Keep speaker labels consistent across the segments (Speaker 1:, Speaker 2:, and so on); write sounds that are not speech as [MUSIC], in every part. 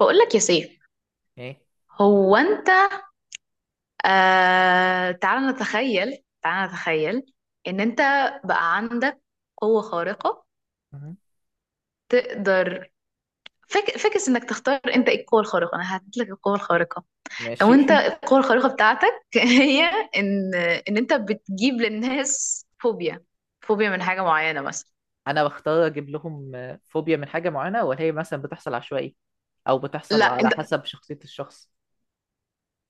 Speaker 1: بقول لك يا سيف.
Speaker 2: ايه.
Speaker 1: هو انت آه تعال نتخيل، ان انت بقى عندك قوة خارقة
Speaker 2: مهم.
Speaker 1: تقدر فكس انك تختار انت ايه القوة الخارقة. انا هديت لك القوة الخارقة. لو
Speaker 2: ماشي
Speaker 1: انت
Speaker 2: [LAUGHS]
Speaker 1: القوة الخارقة بتاعتك [LAUGHS] هي ان ان انت بتجيب للناس فوبيا، فوبيا من حاجة معينة مثلا.
Speaker 2: انا بختار اجيب لهم فوبيا من حاجه معينه ولا هي مثلا بتحصل عشوائي او
Speaker 1: لا
Speaker 2: بتحصل على
Speaker 1: انت
Speaker 2: حسب شخصيه الشخص؟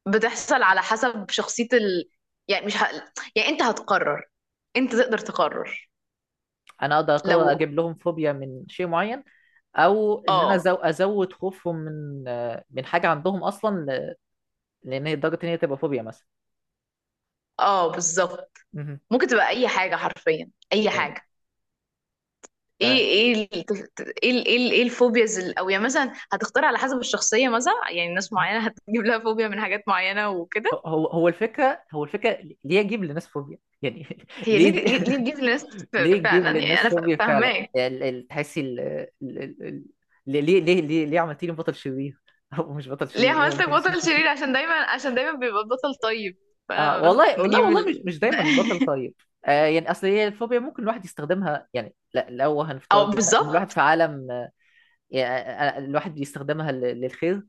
Speaker 1: بتحصل على حسب شخصية يعني مش ه... يعني انت هتقرر، انت تقدر تقرر.
Speaker 2: انا اقدر اقرر
Speaker 1: لو
Speaker 2: اجيب لهم فوبيا من شيء معين، او ان انا
Speaker 1: اه
Speaker 2: ازود خوفهم من من حاجه عندهم اصلا لان هي لدرجه ان هي تبقى فوبيا مثلا.
Speaker 1: اه بالظبط.
Speaker 2: مهم.
Speaker 1: ممكن تبقى اي حاجه، حرفيا اي
Speaker 2: ايوه.
Speaker 1: حاجه. ايه
Speaker 2: تمام.
Speaker 1: ايه ال- ايه إيه الفوبياز او يعني مثلا هتختار على حسب الشخصيه، مثلا يعني ناس معينه هتجيب لها فوبيا من حاجات معينه
Speaker 2: هو
Speaker 1: وكده.
Speaker 2: هو هو الفكره هو الفكره. ليه اجيب لناس فوبيا يعني؟ [LAUGHS]
Speaker 1: هي
Speaker 2: ليه دي؟
Speaker 1: ليه ليه تجيب لناس؟
Speaker 2: ليه تجيب
Speaker 1: فعلا يعني انا
Speaker 2: للناس فوبيا فعلا؟
Speaker 1: فاهماك.
Speaker 2: يعني تحسي ليه ليه عملتيني بطل شرير؟ [LAUGHS] او مش بطل
Speaker 1: ليه
Speaker 2: شرير، ليه
Speaker 1: عملتك
Speaker 2: عملتيني؟
Speaker 1: بطل شرير؟
Speaker 2: [LAUGHS]
Speaker 1: عشان دايما، بيبقى بطل طيب، فانا
Speaker 2: اه
Speaker 1: قلت
Speaker 2: والله والله
Speaker 1: نجيب
Speaker 2: والله، مش مش دايما البطل
Speaker 1: [LAUGHS]
Speaker 2: طيب. آه، يعني اصل هي الفوبيا ممكن الواحد يستخدمها. يعني لا، لو
Speaker 1: او
Speaker 2: هنفترض ان الواحد
Speaker 1: بالظبط.
Speaker 2: في عالم، يعني، آه، يعني آه، الواحد بيستخدمها للخير.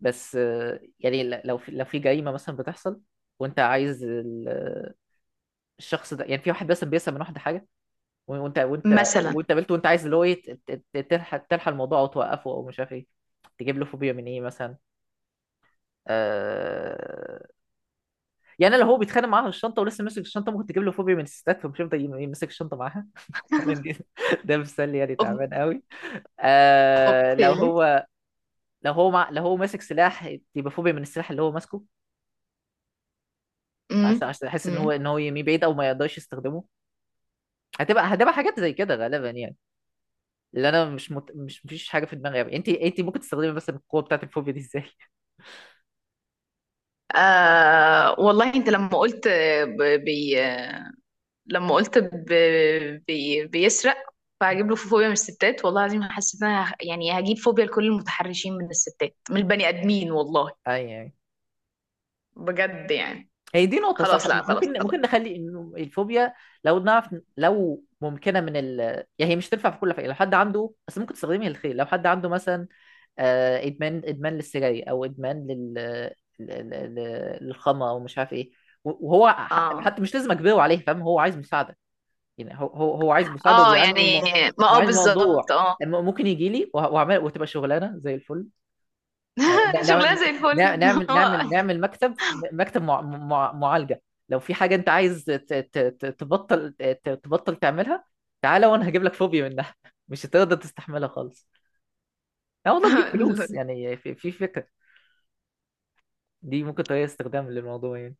Speaker 2: بس آه، يعني لو في، لو في جريمة مثلا بتحصل وانت عايز الشخص ده، يعني في واحد مثلا بيسرق من واحد حاجة، وانت وانت
Speaker 1: مثلا.
Speaker 2: وانت قابلته وانت عايز اللي هو ايه، تلحق تلحق الموضوع او توقفه او مش عارف ايه، تجيب له فوبيا من ايه مثلا؟ آه، يعني لو هو بيتخانق معاها في الشنطه ولسه ماسك الشنطه، ممكن تجيب له فوبيا من الستات، فمش هيفضل يمسك الشنطه معاها. [LAUGHS] لأن دي- ده مثال يعني تعبان
Speaker 1: أوك-
Speaker 2: قوي. آه،
Speaker 1: اوكي.
Speaker 2: لو هو ماسك سلاح، يبقى فوبيا من السلاح اللي هو ماسكه، عشان
Speaker 1: امم
Speaker 2: عشان يحس ان هو
Speaker 1: امم
Speaker 2: يمي بعيد او ما يقدرش يستخدمه. هتبقى حاجات زي كده غالبا يعني. اللي انا مش مت... مش مفيش حاجه في دماغي قوي. انت ممكن تستخدمي مثلا القوه بتاعت الفوبيا دي ازاي؟
Speaker 1: والله انت لما قلت، ب- بي لما قلت بيسرق، فهجيب له
Speaker 2: [LAUGHS]
Speaker 1: فوبيا من الستات، والله العظيم حسيت ان انا يعني هجيب فوبيا لكل المتحرشين من الستات، من البني ادمين والله.
Speaker 2: اي يعني.
Speaker 1: بجد يعني.
Speaker 2: هي دي نقطه
Speaker 1: خلاص،
Speaker 2: صح.
Speaker 1: لا خلاص
Speaker 2: ممكن
Speaker 1: خلاص
Speaker 2: ممكن نخلي انه الفوبيا، لو نعرف لو ممكنه من ال... يعني هي مش تنفع في كل حاجه، لو حد عنده بس ممكن تستخدمي الخير لو حد عنده مثلا آه، ادمان للسجاير، او ادمان لل للخمره ومش عارف ايه، وهو
Speaker 1: اه
Speaker 2: حتى مش لازم اجبره عليه، فاهم؟ هو عايز مساعده. يعني هو عايز مساعده
Speaker 1: اه،
Speaker 2: وبيعاني من
Speaker 1: يعني ما اه
Speaker 2: وعايز
Speaker 1: بالظبط
Speaker 2: الموضوع.
Speaker 1: اه.
Speaker 2: ممكن يجي لي وهعمل، وتبقى شغلانه زي الفل. آه، ن-
Speaker 1: [LAUGHS] شغلها
Speaker 2: نعمل
Speaker 1: زي الفل.
Speaker 2: نع- نعمل نعمل نعمل مكتب، مكتب معالجه. لو في حاجه انت عايز تبطل تعملها، تعالى وانا هجيب لك فوبيا منها. [LAUGHS] مش هتقدر تستحملها خالص. لا والله تجيب
Speaker 1: [LAUGHS] هو-
Speaker 2: فلوس
Speaker 1: [LAUGHS]
Speaker 2: يعني، في فكره. دي ممكن طريقه استخدام للموضوع يعني،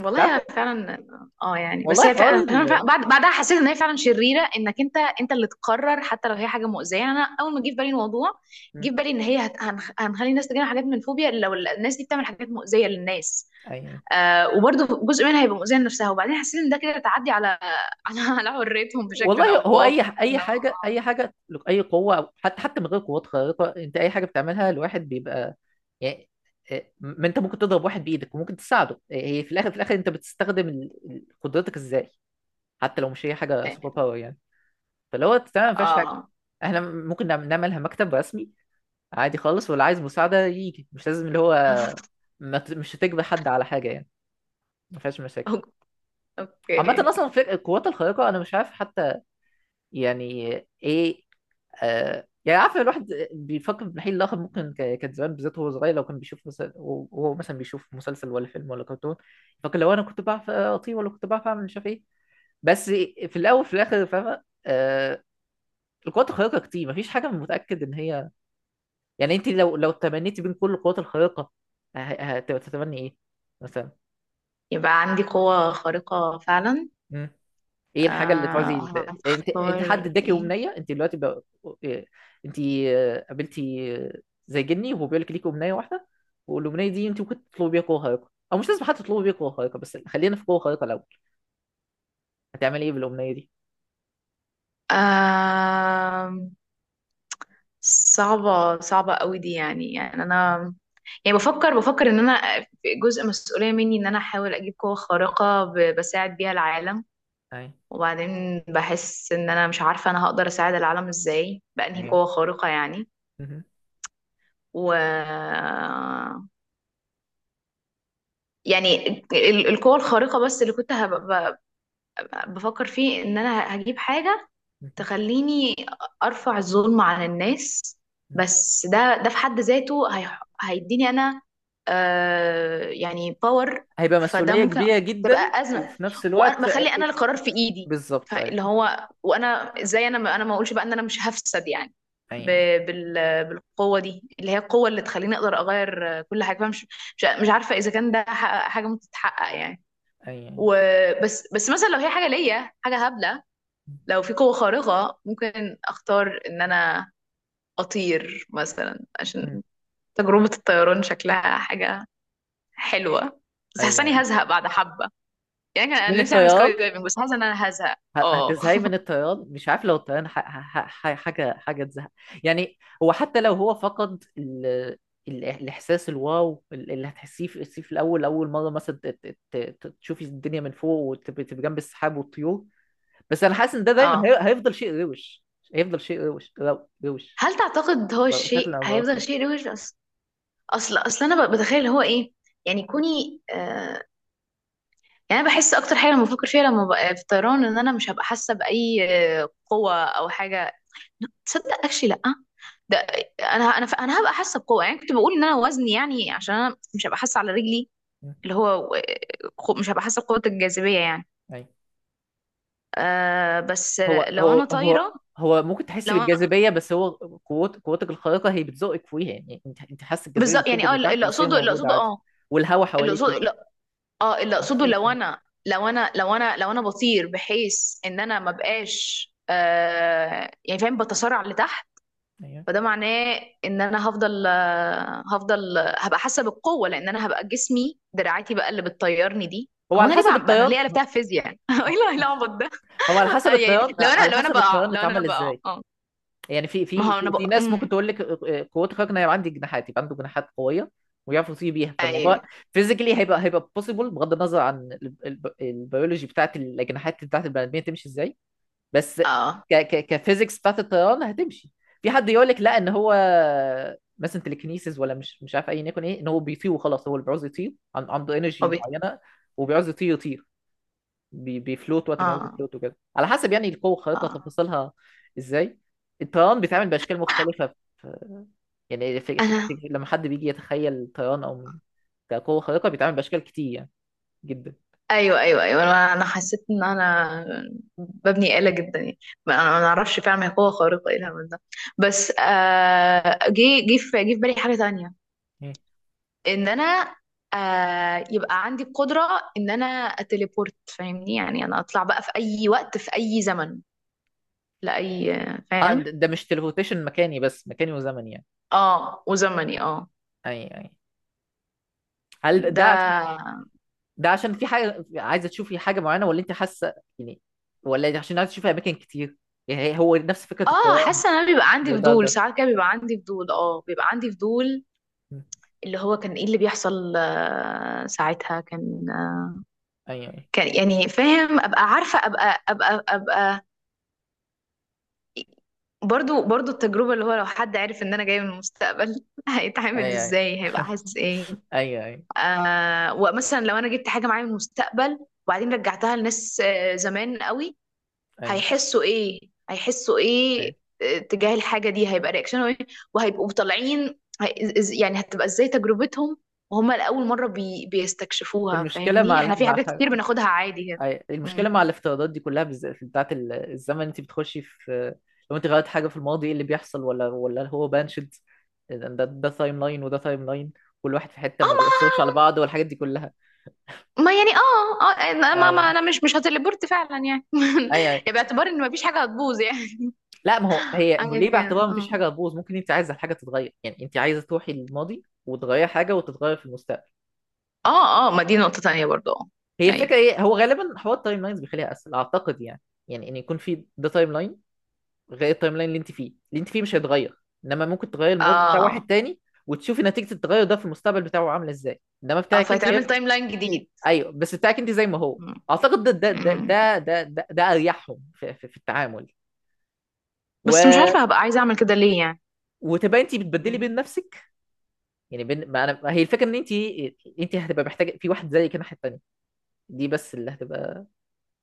Speaker 2: انت عارف.
Speaker 1: انا فعلا اه، يعني بس
Speaker 2: والله
Speaker 1: هي
Speaker 2: حوار
Speaker 1: فعلا،
Speaker 2: ال...
Speaker 1: بعد بعدها حسيت ان هي فعلا شريره، انك انت اللي تقرر حتى لو هي حاجه مؤذيه. يعني انا اول ما جه في بالي الموضوع، جه
Speaker 2: م.
Speaker 1: في بالي ان هي هنخلي الناس تجينا حاجات من فوبيا لو الناس دي بتعمل حاجات مؤذيه للناس.
Speaker 2: أيوة.
Speaker 1: آه وبرضه جزء منها هيبقى مؤذيه لنفسها، وبعدين حسيت ان ده كده تعدي على [LAUGHS] على حريتهم بشكل او
Speaker 2: والله هو
Speaker 1: باخر.
Speaker 2: اي
Speaker 1: إنه-
Speaker 2: اي حاجه، اي قوه، أو حتى من غير قوات خارقه، انت اي حاجه بتعملها الواحد بيبقى يعني إيه، ما انت ممكن تضرب واحد بايدك وممكن تساعده. إيه، هي في الاخر، في الاخر انت بتستخدم قدرتك ازاي، حتى لو مش هي حاجه سوبر باور يعني. فلو هو تمام ما فيهاش حاجه،
Speaker 1: اه
Speaker 2: احنا ممكن نعملها مكتب رسمي عادي خالص، واللي عايز مساعده يجي. مش لازم اللي هو،
Speaker 1: [LAUGHS]
Speaker 2: ما ت- مش هتجبر حد على حاجه يعني. ما فيهاش مشاكل.
Speaker 1: أوك-
Speaker 2: عامة
Speaker 1: اوكي.
Speaker 2: أصلا القوات الخارقة أنا مش عارف حتى يعني إيه. آه، يعني عارف الواحد بيفكر في الناحية الآخر، ممكن كان زمان بالذات وهو صغير، لو كان بيشوف مثلا، وهو مثلا بيشوف مسلسل ولا فيلم ولا كرتون، فكان لو أنا كنت بعرف أطير، ولا كنت بعرف أعمل مش عارف إيه، بس في الأول، في الآخر، فاهمة آه، القوات الخارقة كتير مفيش حاجة متأكد إن هي يعني. أنت لو تمنيتي بين كل القوات الخارقة، هتتمني إيه مثلا؟
Speaker 1: يبقى عندي قوه خارقه فعلا.
Speaker 2: ايه الحاجه اللي تعوزي يعني؟ انت
Speaker 1: هختار
Speaker 2: حد اداكي
Speaker 1: ايه؟
Speaker 2: امنيه، انت دلوقتي بقى... انت آه، قابلتي آه، زي جني وهو بيقول لك ليكي امنيه واحده، والامنيه دي انت ممكن تطلبي بيها قوه خارقه او مش لازم حتى تطلبي بيها قوه خارقه، بس خلينا في قوه خارقه الاول. هتعملي ايه بالامنيه دي؟
Speaker 1: آم، صعبة، صعبة قوي دي يعني، يعني أنا، يعني بفكر، إن أنا في جزء مسؤولية مني إن أنا أحاول أجيب قوة خارقة بساعد بيها العالم.
Speaker 2: ايوه.
Speaker 1: وبعدين بحس إن أنا مش عارفة أنا هقدر أساعد العالم إزاي بأنهي
Speaker 2: ايوه.
Speaker 1: قوة خارقة يعني.
Speaker 2: مهم.
Speaker 1: و، يعني القوة الخارقة بس اللي كنت بفكر فيه إن أنا هجيب حاجة
Speaker 2: مهم.
Speaker 1: تخليني ارفع الظلم عن الناس.
Speaker 2: مهم.
Speaker 1: بس ده، في حد ذاته هيديني انا آه يعني باور.
Speaker 2: هيبقى
Speaker 1: فده
Speaker 2: مسؤوليه
Speaker 1: ممكن
Speaker 2: كبيره جدا،
Speaker 1: تبقى ازمه،
Speaker 2: وفي نفس
Speaker 1: وانا
Speaker 2: الوقت
Speaker 1: بخلي انا القرار في ايدي.
Speaker 2: بالظبط. ايوه
Speaker 1: فاللي هو، وانا ازاي انا ما اقولش بقى ان انا مش هفسد يعني
Speaker 2: ايوه
Speaker 1: بالقوه دي، اللي هي القوه اللي تخليني اقدر اغير كل حاجه. فمش، مش عارفه اذا كان ده حاجه ممكن تتحقق يعني.
Speaker 2: ايوه ايوه.
Speaker 1: وبس، بس مثلا لو هي حاجه ليا، حاجه هبله، لو في قوة خارقة ممكن اختار ان انا اطير مثلا،
Speaker 2: مم.
Speaker 1: عشان تجربة الطيران شكلها حاجة حلوة، بس حاسة
Speaker 2: ايوه.
Speaker 1: اني
Speaker 2: أيوة.
Speaker 1: هزهق بعد حبة. يعني كان
Speaker 2: من
Speaker 1: انا نفسي اعمل
Speaker 2: الطيران؟
Speaker 1: سكاي دايفنج، بس حاسة ان انا هزهق.
Speaker 2: ه-
Speaker 1: اه
Speaker 2: هتزهقي من الطيران؟ مش عارف لو الطيران حاجه حاجه تزهق، يعني هو حتى لو هو فقد الاحساس الواو اللي هتحسيه في الاول، اول مره مثلا تشوفي الدنيا من فوق، وتبقي تبقي جنب السحاب والطيور. بس انا حاسس ان ده دايما
Speaker 1: اه.
Speaker 2: هي... هيفضل شيء روش. هيفضل شيء روش روش،
Speaker 1: هل تعتقد هو الشيء
Speaker 2: شكل او
Speaker 1: هيفضل
Speaker 2: باخر.
Speaker 1: شيء روش؟ اصل، انا بتخيل هو ايه، يعني كوني آه، يعني انا بحس اكتر حاجة لما بفكر فيها، لما ببقى في الطيران، ان انا مش هبقى حاسة بأي قوة او حاجة. تصدق اكشلي لا. ده انا، انا هبقى حاسه بقوه، يعني كنت بقول ان انا وزني، يعني عشان انا مش هبقى حاسه على رجلي،
Speaker 2: م.
Speaker 1: اللي هو مش هبقى حاسه بقوه الجاذبيه يعني.
Speaker 2: أيوة.
Speaker 1: آه، بس
Speaker 2: هو
Speaker 1: لو
Speaker 2: هو
Speaker 1: انا
Speaker 2: هو
Speaker 1: طايره،
Speaker 2: هو ممكن تحس
Speaker 1: لو انا
Speaker 2: بالجاذبيه، بس هو قوتك الخارقه هي بتزقك فيها. يعني انت حاسس الجاذبيه
Speaker 1: بالظبط. يعني
Speaker 2: بتشدك
Speaker 1: اه،
Speaker 2: لتحت، بس هي موجوده عادي، والهواء
Speaker 1: اللي
Speaker 2: حواليكي
Speaker 1: اقصده، لا، اه اللي اقصده،
Speaker 2: محسوس.
Speaker 1: لو انا بطير بحيث ان انا ما بقاش آه، يعني فاهم، بتسارع لتحت،
Speaker 2: ايوه.
Speaker 1: فده معناه ان انا هفضل آه، هبقى حاسه بالقوه، لان انا هبقى جسمي، دراعاتي بقى اللي بتطيرني دي.
Speaker 2: هو
Speaker 1: هو
Speaker 2: على
Speaker 1: انا ليه
Speaker 2: حسب
Speaker 1: بقى، بقى انا
Speaker 2: الطيران.
Speaker 1: ليه قلبتها فيزياء يعني؟ [LAUGHS] إيه العبط ده؟ [LAUGHS] يعني لو انا،
Speaker 2: على حسب الطيران
Speaker 1: لو انا
Speaker 2: اتعمل
Speaker 1: بقع
Speaker 2: ازاي.
Speaker 1: اه،
Speaker 2: يعني
Speaker 1: ما هو انا
Speaker 2: في
Speaker 1: بقع.
Speaker 2: ناس ممكن
Speaker 1: امم.
Speaker 2: تقول لك قوته خارقه إن هي عندي جناحات، يبقى عنده جناحات قويه ويعرف يطير بيها، فالموضوع
Speaker 1: ايوه
Speaker 2: فيزيكلي هيبقى بوسيبل بغض النظر عن البيولوجي بتاعت الاجنحات بتاعت البني ادمين تمشي ازاي، بس
Speaker 1: اه.
Speaker 2: ك ك كفيزيكس بتاعت الطيران هتمشي. في حد يقول لك لا، ان هو مثلا تليكنيسيس ولا مش عارف اي نيكون ايه، ان هو بيطير وخلاص، هو اللي بيعوز يطير عنده انرجي
Speaker 1: هوبي.
Speaker 2: معينه وبيعوز يطير، يطير، بيفلوت وقت ما يعوز
Speaker 1: اه
Speaker 2: يفلوت وكده، على حسب يعني القوه الخارقه
Speaker 1: اه
Speaker 2: تفاصيلها ازاي. الطيران بيتعمل باشكال مختلفه في، يعني في في
Speaker 1: انا.
Speaker 2: في لما حد بيجي يتخيل الطيران او كقوه خارقه، بيتعمل باشكال كتير يعني، جدا.
Speaker 1: ايوه ايوه ايوه، انا حسيت ان انا ببني آلة جدا يعني. انا ما اعرفش فعلا هي قوه خارقه، ايه الهبل ده؟ بس آه، جه في بالي حاجه تانية،
Speaker 2: مم.
Speaker 1: ان انا آه يبقى عندي القدره ان انا اتليبورت، فاهمني، يعني انا اطلع بقى في اي وقت، في اي زمن، لاي،
Speaker 2: اه،
Speaker 1: فاهم؟
Speaker 2: ده مش تليبورتيشن مكاني بس، مكاني وزمني يعني.
Speaker 1: اه وزمني اه.
Speaker 2: يعني. هل
Speaker 1: ده
Speaker 2: ده، ده عشان في حاجه عايزه تشوفي حاجه معينه، ولا انت حاسه يعني، ولا عشان عايزه تشوفي اماكن كتير؟ يعني هي- هو نفس فكره
Speaker 1: اه
Speaker 2: الطيران
Speaker 1: حاسه ان انا بيبقى عندي فضول
Speaker 2: بدرجه.
Speaker 1: ساعات كده، بيبقى عندي فضول اه، بيبقى عندي فضول
Speaker 2: م.
Speaker 1: اللي هو، كان ايه اللي بيحصل آه، ساعتها كان آه،
Speaker 2: ايوه
Speaker 1: كان يعني فاهم، ابقى عارفه، ابقى ابقى ابقى برضو، التجربه اللي هو لو حد عارف ان انا جايه من المستقبل [LAUGHS] هيتعامل
Speaker 2: ايوه ايوه
Speaker 1: ازاي، هيبقى حاسس ايه.
Speaker 2: ايوه ايوه ايوه
Speaker 1: آه ومثلا لو انا جبت حاجه معايا من المستقبل، وبعدين رجعتها لناس آه زمان قوي،
Speaker 2: ايوه
Speaker 1: هيحسوا ايه؟ هيحسوا ايه
Speaker 2: أيوه.
Speaker 1: آه، تجاه الحاجه دي هيبقى رياكشنهم ايه؟ وهيبقوا طالعين، يعني هتبقى ازاي تجربتهم وهم لاول مره بي بيستكشفوها؟
Speaker 2: المشكله
Speaker 1: فاهمني،
Speaker 2: مع
Speaker 1: احنا في حاجات كتير بناخدها عادي كده.
Speaker 2: أيوة. المشكله
Speaker 1: مم.
Speaker 2: مع الافتراضات دي كلها، بالذات بتاعت الزمن، انت بتخشي في، لو انت غيرت حاجه في الماضي ايه اللي بيحصل، ولا هو بانشد؟ ده ده تايم لاين وده تايم لاين، كل واحد في حته
Speaker 1: اه،
Speaker 2: ما
Speaker 1: ما
Speaker 2: بيأثرش على بعض، والحاجات دي كلها.
Speaker 1: ما يعني اه اه، أنا- ما, ما
Speaker 2: ايوه.
Speaker 1: انا مش هتليبورت فعلا يعني.
Speaker 2: ايوه.
Speaker 1: [LAUGHS] يعني
Speaker 2: أيوه.
Speaker 1: باعتبار ان مفيش حاجه هتبوظ يعني.
Speaker 2: لا، ما هو
Speaker 1: [LAUGHS]
Speaker 2: هي
Speaker 1: حاجه
Speaker 2: ليه
Speaker 1: كده
Speaker 2: باعتبار مفيش
Speaker 1: اه،
Speaker 2: حاجه هتبوظ؟ ممكن انت عايزه الحاجه تتغير، يعني انت عايزه تروحي للماضي وتغير حاجه، وتتغير في المستقبل.
Speaker 1: اه اه، ما دي نقطه تانية برضو اه.
Speaker 2: هي
Speaker 1: ايوه
Speaker 2: الفكره ايه، هو غالبا حوار التايم لاينز بيخليها اسهل اعتقد يعني. يعني ان يكون في ده تايم لاين غير التايم لاين اللي انت فيه، اللي انت فيه مش هيتغير، انما ممكن تغير الماضي بتاع واحد
Speaker 1: اه
Speaker 2: تاني وتشوفي نتيجه التغير ده في المستقبل بتاعه عامله ازاي، انما
Speaker 1: اه،
Speaker 2: بتاعك انت
Speaker 1: فيتعمل
Speaker 2: هيبقى
Speaker 1: تايم لاين جديد.
Speaker 2: ايوه، بس بتاعك انت زي ما هو.
Speaker 1: مم.
Speaker 2: اعتقد ده ده ده
Speaker 1: مم.
Speaker 2: ده ده, ده, ده اريحهم في التعامل.
Speaker 1: بس مش
Speaker 2: و...
Speaker 1: عارفة هبقى عايزة اعمل كده ليه يعني.
Speaker 2: وتبقى انت بتبدلي
Speaker 1: مم.
Speaker 2: بين نفسك، يعني بين، ما انا ما هي الفكره ان انت هتبقى محتاجه في واحد زي كده ناحيه التانيه، دي بس اللي هتبقى،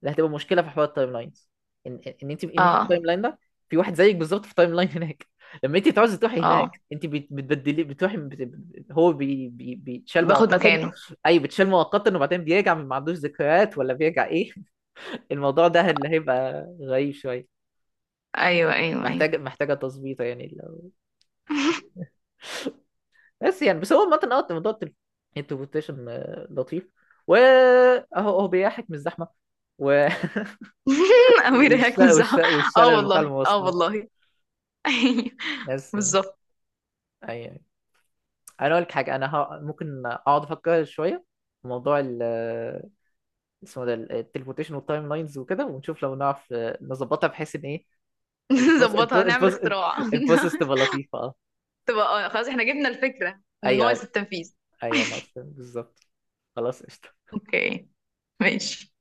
Speaker 2: اللي هتبقى مشكله في حوار التايم لاينز، ان انت
Speaker 1: اه
Speaker 2: التايم لاين ده في واحد زيك بالظبط في التايم لاين هناك. [LAUGHS] لما انت تعوزي تروحي
Speaker 1: اه،
Speaker 2: هناك، انت بتبدلي، بتروحي، هو بي بي بيتشال
Speaker 1: باخد
Speaker 2: مؤقتا.
Speaker 1: مكانه.
Speaker 2: اي، بتشال مؤقتا وبعدين بيرجع ما عندوش ذكريات، ولا بيرجع ايه؟ [LAUGHS] الموضوع ده اللي هيبقى غريب شويه.
Speaker 1: ايوه ايوه ايوه.
Speaker 2: محتاجه تظبيطه يعني. بس يعني، بس هو عامة، اه موضوع التليبورتيشن آه، لطيف، واهو اهو بيحك من الزحمه و... [LAUGHS]
Speaker 1: [LAUGHS] امير هيك مزح. اه
Speaker 2: والشلل بتاع
Speaker 1: والله، اه
Speaker 2: المواصلات.
Speaker 1: والله. [LAUGHS] ايوه
Speaker 2: بس يعني
Speaker 1: بالظبط.
Speaker 2: أي... انا اقول لك حاجه، انا ه... ممكن اقعد افكر شويه في موضوع ال آه، اسمه ده، التليبورتيشن والتايم لاينز وكده، ونشوف لو نعرف آه، نظبطها بحيث ان ايه
Speaker 1: [LAUGHS]
Speaker 2: البروس
Speaker 1: نظبطها
Speaker 2: البروس
Speaker 1: نعمل
Speaker 2: البروس
Speaker 1: اختراع.
Speaker 2: البروسيس
Speaker 1: [LAUGHS]
Speaker 2: تبقى لطيفه. اه
Speaker 1: تبقى آه، خلاص احنا جبنا الفكرة ناقص
Speaker 2: ايوه.
Speaker 1: التنفيذ.
Speaker 2: ايوه ناقص، بالظبط. خلاص قشطه.
Speaker 1: اوكي، ماشي.